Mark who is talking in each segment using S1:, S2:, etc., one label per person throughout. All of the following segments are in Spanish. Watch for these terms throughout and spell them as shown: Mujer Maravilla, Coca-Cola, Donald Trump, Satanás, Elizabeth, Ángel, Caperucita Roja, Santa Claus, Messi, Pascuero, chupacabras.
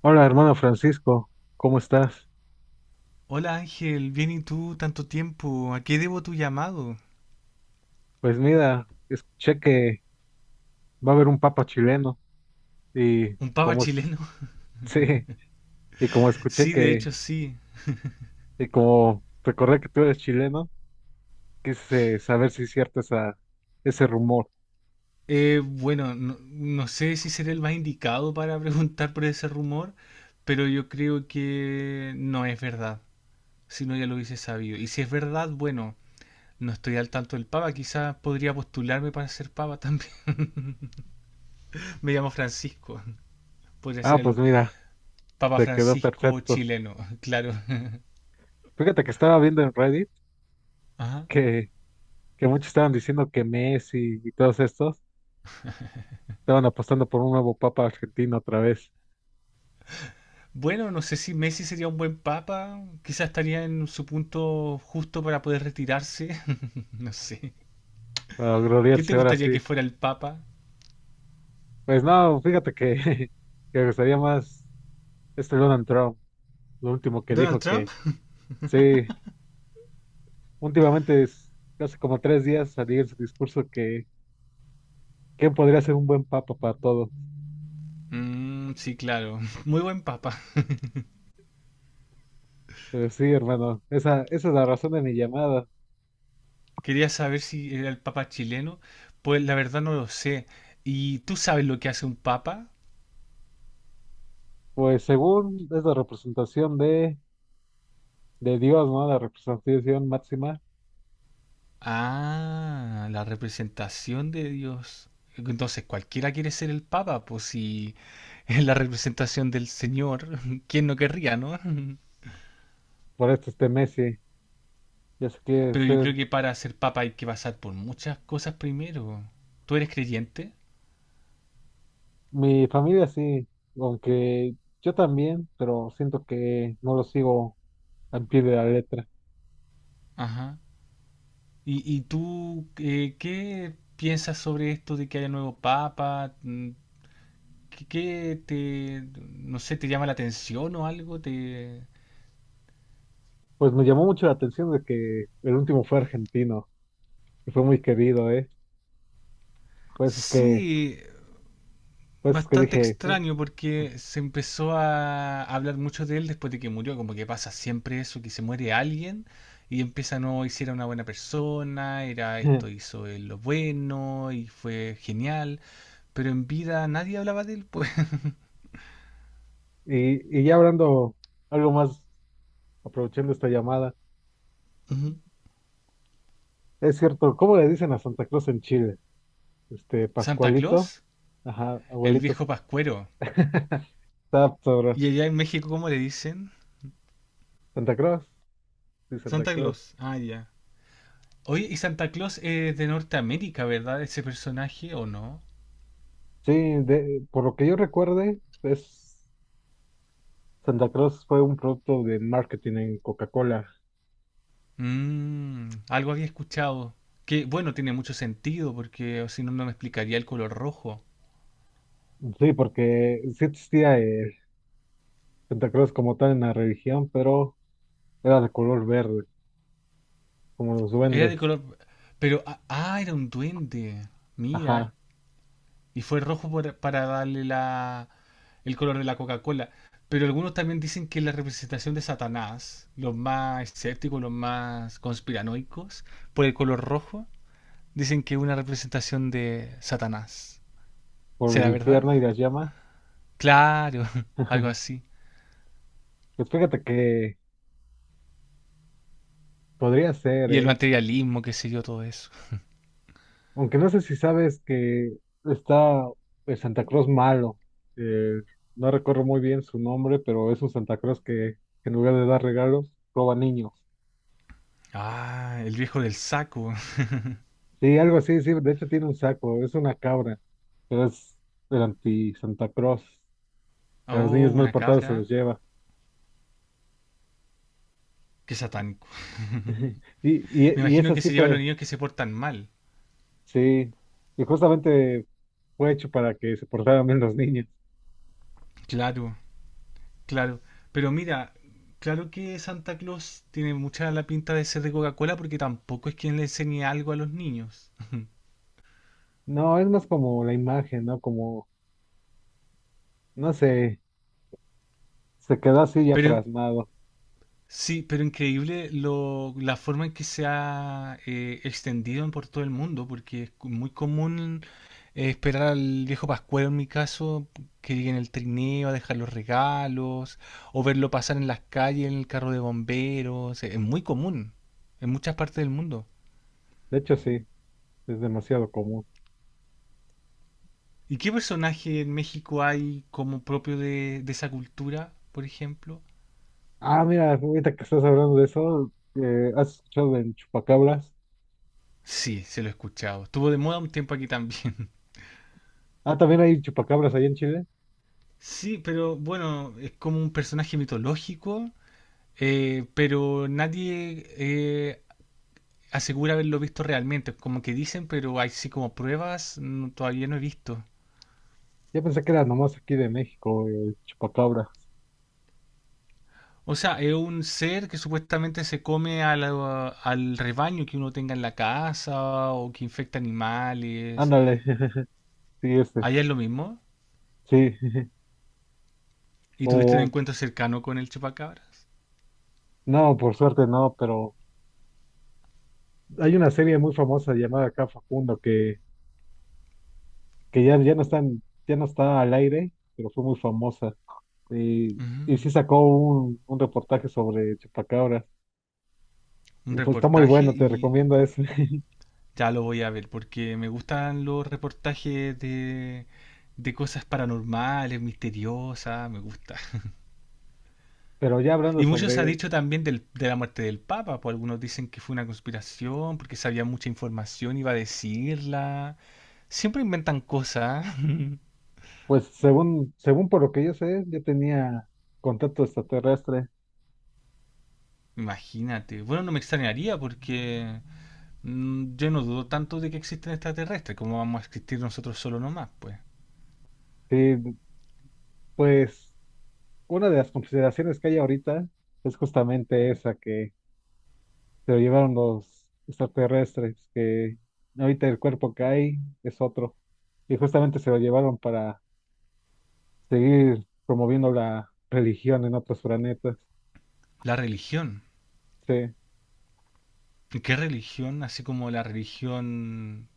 S1: Hola, hermano Francisco, ¿cómo estás?
S2: Hola Ángel, bien y tú, tanto tiempo. ¿A qué debo tu llamado?
S1: Pues mira, escuché que va a haber un papa chileno y
S2: ¿Un papa
S1: como
S2: chileno?
S1: sí, y como escuché
S2: Sí, de
S1: que
S2: hecho sí.
S1: y como recordé que tú eres chileno, quise saber si es cierto ese rumor.
S2: Bueno, no sé si seré el más indicado para preguntar por ese rumor, pero yo creo que no es verdad. Si no, ya lo hubiese sabido. Y si es verdad, bueno, no estoy al tanto del papa. Quizás podría postularme para ser papa también. Me llamo Francisco. Podría
S1: Ah,
S2: ser
S1: pues
S2: el
S1: mira,
S2: papa
S1: te quedó
S2: Francisco
S1: perfecto.
S2: chileno, claro.
S1: Fíjate que estaba viendo en Reddit
S2: Ajá.
S1: que, que muchos estaban diciendo que Messi y todos estos estaban apostando por un nuevo papa argentino otra vez,
S2: Bueno, no sé si Messi sería un buen papa, quizás estaría en su punto justo para poder retirarse, no sé.
S1: para
S2: ¿Qué te
S1: gloriarse ahora
S2: gustaría que
S1: sí.
S2: fuera el papa?
S1: Pues no, fíjate que que me gustaría más este Donald Trump, lo último que
S2: ¿Donald
S1: dijo
S2: Trump?
S1: que sí, últimamente es hace como 3 días salió en su discurso que quién podría ser un buen papa para todo.
S2: Mm, sí, claro, muy buen papa.
S1: Pero sí, hermano, esa es la razón de mi llamada.
S2: Quería saber si era el papa chileno, pues la verdad no lo sé. ¿Y tú sabes lo que hace un papa?
S1: Pues según es la representación de Dios, ¿no? La representación máxima
S2: Ah, la representación de Dios. Entonces, cualquiera quiere ser el papa, pues si es la representación del Señor, ¿quién no querría, no?
S1: por este Messi. Ya sé que
S2: Pero
S1: es,
S2: yo creo que para ser papa hay que pasar por muchas cosas primero. ¿Tú eres creyente?
S1: mi familia sí, aunque yo también, pero siento que no lo sigo al pie de la letra.
S2: Ajá. ¿Y tú qué piensas sobre esto de que haya nuevo papa? Mm, ¿Qué, qué te, no sé, te llama la atención o algo? ¿Te,
S1: Pues me llamó mucho la atención de que el último fue argentino. Y fue muy querido, ¿eh? Pues es que,
S2: sí,
S1: pues es que,
S2: bastante
S1: dije".
S2: extraño porque se empezó a hablar mucho de él después de que murió, como que pasa siempre eso, que se muere alguien y empieza, no, hiciera una buena persona, era esto, hizo él lo bueno y fue genial, pero en vida nadie hablaba de él, pues.
S1: Y ya hablando algo más, aprovechando esta llamada,
S2: Ujú.
S1: es cierto, ¿cómo le dicen a Santa Cruz en Chile? Este,
S2: Santa
S1: Pascualito,
S2: Claus,
S1: ajá,
S2: el viejo
S1: abuelitos,
S2: pascuero.
S1: está sobre
S2: Y allá en México, ¿cómo le dicen?
S1: Santa Cruz, sí, Santa
S2: Santa
S1: Cruz.
S2: Claus, ah, ya. Oye, y Santa Claus es de Norteamérica, ¿verdad? Ese personaje, ¿o no?
S1: Sí, de, por lo que yo recuerde, es, Santa Cruz fue un producto de marketing en Coca-Cola.
S2: Mm, algo había escuchado. Que bueno, tiene mucho sentido porque o si no, no me explicaría el color rojo.
S1: Sí, porque sí existía el Santa Cruz como tal en la religión, pero era de color verde, como los
S2: Era de
S1: duendes.
S2: color... Pero... Ah, ah, era un duende. Mira.
S1: Ajá,
S2: Y fue rojo para darle la, el color de la Coca-Cola. Pero algunos también dicen que la representación de Satanás, los más escépticos, los más conspiranoicos, por el color rojo, dicen que es una representación de Satanás.
S1: por el
S2: ¿Será verdad?
S1: infierno y las llamas.
S2: Claro, algo así.
S1: Pues fíjate que podría ser,
S2: Y el
S1: ¿eh?
S2: materialismo, qué sé yo, todo eso.
S1: Aunque no sé si sabes que está el Santa Claus malo. eh, no recuerdo muy bien su nombre, pero es un Santa Claus que en lugar de dar regalos, roba niños.
S2: Ah, el viejo del saco.
S1: Sí, algo así, sí. De hecho tiene un saco, es una cabra, pero es el anti-Santa Claus. A los
S2: Oh,
S1: niños mal
S2: una
S1: portados se
S2: cabra.
S1: los lleva.
S2: Qué satánico.
S1: Y, y,
S2: Me
S1: y
S2: imagino
S1: eso
S2: que
S1: sí
S2: se lleva a los
S1: fue,
S2: niños que se portan mal.
S1: sí. Y justamente fue hecho para que se portaran bien los niños.
S2: Claro, claro. Pero mira, claro que Santa Claus tiene mucha la pinta de ser de Coca-Cola porque tampoco es quien le enseñe algo a los niños.
S1: No, es más como la imagen, ¿no? Como, no sé, se quedó así ya
S2: Pero
S1: plasmado.
S2: sí, pero increíble lo, la forma en que se ha extendido en por todo el mundo, porque es muy común esperar al viejo Pascuero en mi caso, que llegue en el trineo a dejar los regalos, o verlo pasar en las calles en el carro de bomberos, es muy común en muchas partes del mundo.
S1: De hecho, sí, es demasiado común.
S2: ¿Y qué personaje en México hay como propio de esa cultura, por ejemplo?
S1: Ah, mira, ahorita que estás hablando de eso, ¿has escuchado en chupacabras?
S2: Sí, se lo he escuchado. Estuvo de moda un tiempo aquí también.
S1: Ah, también hay chupacabras allá en Chile.
S2: Sí, pero bueno, es como un personaje mitológico, pero nadie asegura haberlo visto realmente. Como que dicen, pero así como pruebas, todavía no he visto.
S1: Yo pensé que era nomás aquí de México, chupacabras.
S2: O sea, es un ser que supuestamente se come a al rebaño que uno tenga en la casa o que infecta animales.
S1: Ándale, sí, este,
S2: Allá es lo mismo.
S1: sí.
S2: ¿Y tuviste un
S1: O,
S2: encuentro cercano con el chupacabras?
S1: no, por suerte no, pero hay una serie muy famosa llamada acá Facundo que ya no está, ya no está al aire, pero fue muy famosa. y,
S2: Ujú.
S1: y sí sacó un reportaje sobre chupacabras.
S2: Un
S1: Y pues está muy
S2: reportaje
S1: bueno, te
S2: y
S1: recomiendo ese.
S2: ya lo voy a ver, porque me gustan los reportajes de cosas paranormales, misteriosas, me gusta.
S1: Pero ya hablando
S2: Y mucho se ha
S1: sobre,
S2: dicho también de la muerte del Papa, pues algunos dicen que fue una conspiración, porque sabía mucha información, iba a decirla. Siempre inventan cosas,
S1: pues según por lo que yo sé, yo tenía contacto extraterrestre.
S2: imagínate. Bueno, no me extrañaría porque mm, yo no dudo tanto de que existen extraterrestres, como vamos a existir nosotros solo nomás, pues.
S1: Y pues una de las consideraciones que hay ahorita es justamente esa que se lo llevaron los extraterrestres, que ahorita el cuerpo que hay es otro. Y justamente se lo llevaron para seguir promoviendo la religión en otros planetas.
S2: La religión.
S1: Sí.
S2: ¿Qué religión? Así como la religión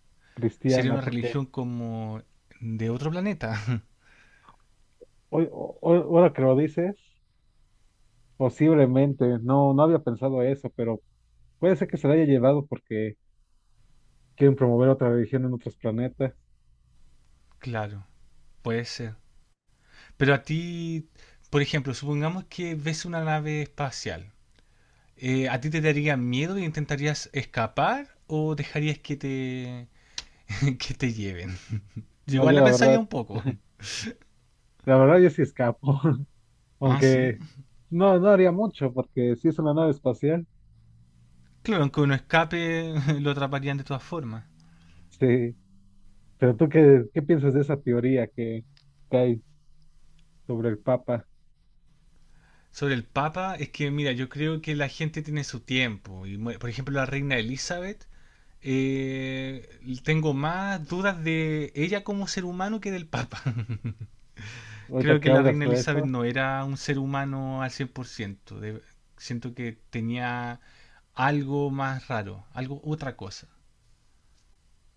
S2: sería
S1: Cristiana,
S2: una
S1: porque
S2: religión como de otro planeta.
S1: ahora que lo dices, posiblemente, no, no había pensado eso, pero puede ser que se la haya llevado porque quieren promover otra religión en otros planetas.
S2: Claro, puede ser. Pero a ti, por ejemplo, supongamos que ves una nave espacial. ¿A ti te daría miedo y intentarías escapar o dejarías que te, que te lleven? Yo
S1: No,
S2: igual
S1: yo
S2: la
S1: la
S2: pensaría
S1: verdad,
S2: un poco.
S1: yo sí escapo,
S2: Ah, sí.
S1: aunque no, no haría mucho, porque si es una nave espacial,
S2: Claro, aunque uno escape, lo atraparían de todas formas.
S1: sí. Pero tú, ¿qué piensas de esa teoría que hay sobre el Papa?
S2: Sobre el Papa, es que mira, yo creo que la gente tiene su tiempo. Y, por ejemplo, la reina Elizabeth eh, tengo más dudas de ella como ser humano que del Papa.
S1: Ahorita
S2: Creo
S1: que
S2: que la
S1: hablas
S2: reina
S1: de
S2: Elizabeth
S1: eso,
S2: no era un ser humano al 100%. Siento que tenía algo más raro, algo otra cosa.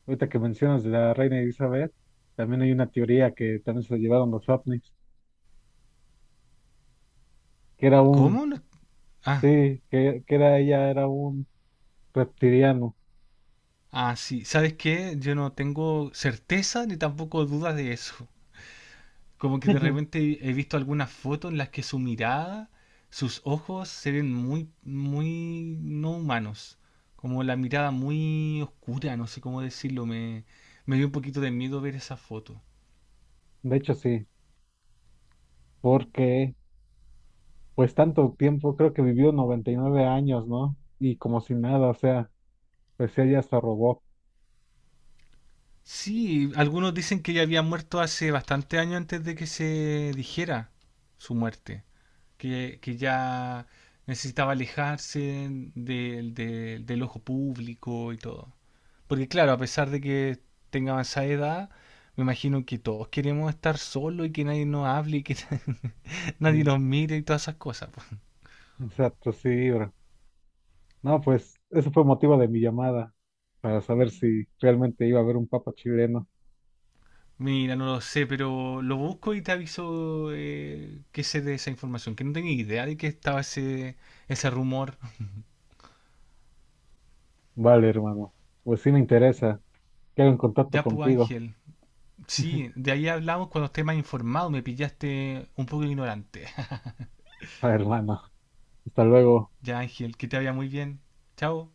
S1: ahorita que mencionas de la reina Elizabeth, también hay una teoría que también se la llevaron los ovnis que era un
S2: ¿Cómo? No- ah,
S1: Sí, que era ella, era un reptiliano.
S2: ah, sí. ¿Sabes qué? Yo no tengo certeza ni tampoco dudas de eso. Como que de repente he visto algunas fotos en las que su mirada, sus ojos se ven muy, muy no humanos. Como la mirada muy oscura, no sé cómo decirlo. Me dio un poquito de miedo ver esa foto.
S1: De hecho, sí, porque pues tanto tiempo, creo que vivió 99 años, ¿no? Y como si nada, o sea, pues ella hasta robó.
S2: Sí, algunos dicen que ella había muerto hace bastante años antes de que se dijera su muerte. Que ya necesitaba alejarse del ojo público y todo. Porque claro, a pesar de que tenga esa edad, me imagino que todos queremos estar solos y que nadie nos hable y que nadie
S1: Mm.
S2: nos mire y todas esas cosas. Po.
S1: Exacto, sí, bro. No, pues ese fue motivo de mi llamada, para saber si realmente iba a haber un papa chileno.
S2: Mira, no lo sé, pero lo busco y te aviso que sé de esa información, que no tenía idea de que estaba ese, ese rumor.
S1: Vale, hermano. Pues sí me interesa. Quedo en contacto
S2: Ya, pues
S1: contigo.
S2: Ángel, sí, de ahí hablamos cuando esté más informado, me pillaste un poco ignorante.
S1: Vale, hermano. Hasta luego.
S2: Ya, Ángel, que te vaya muy bien. Chao.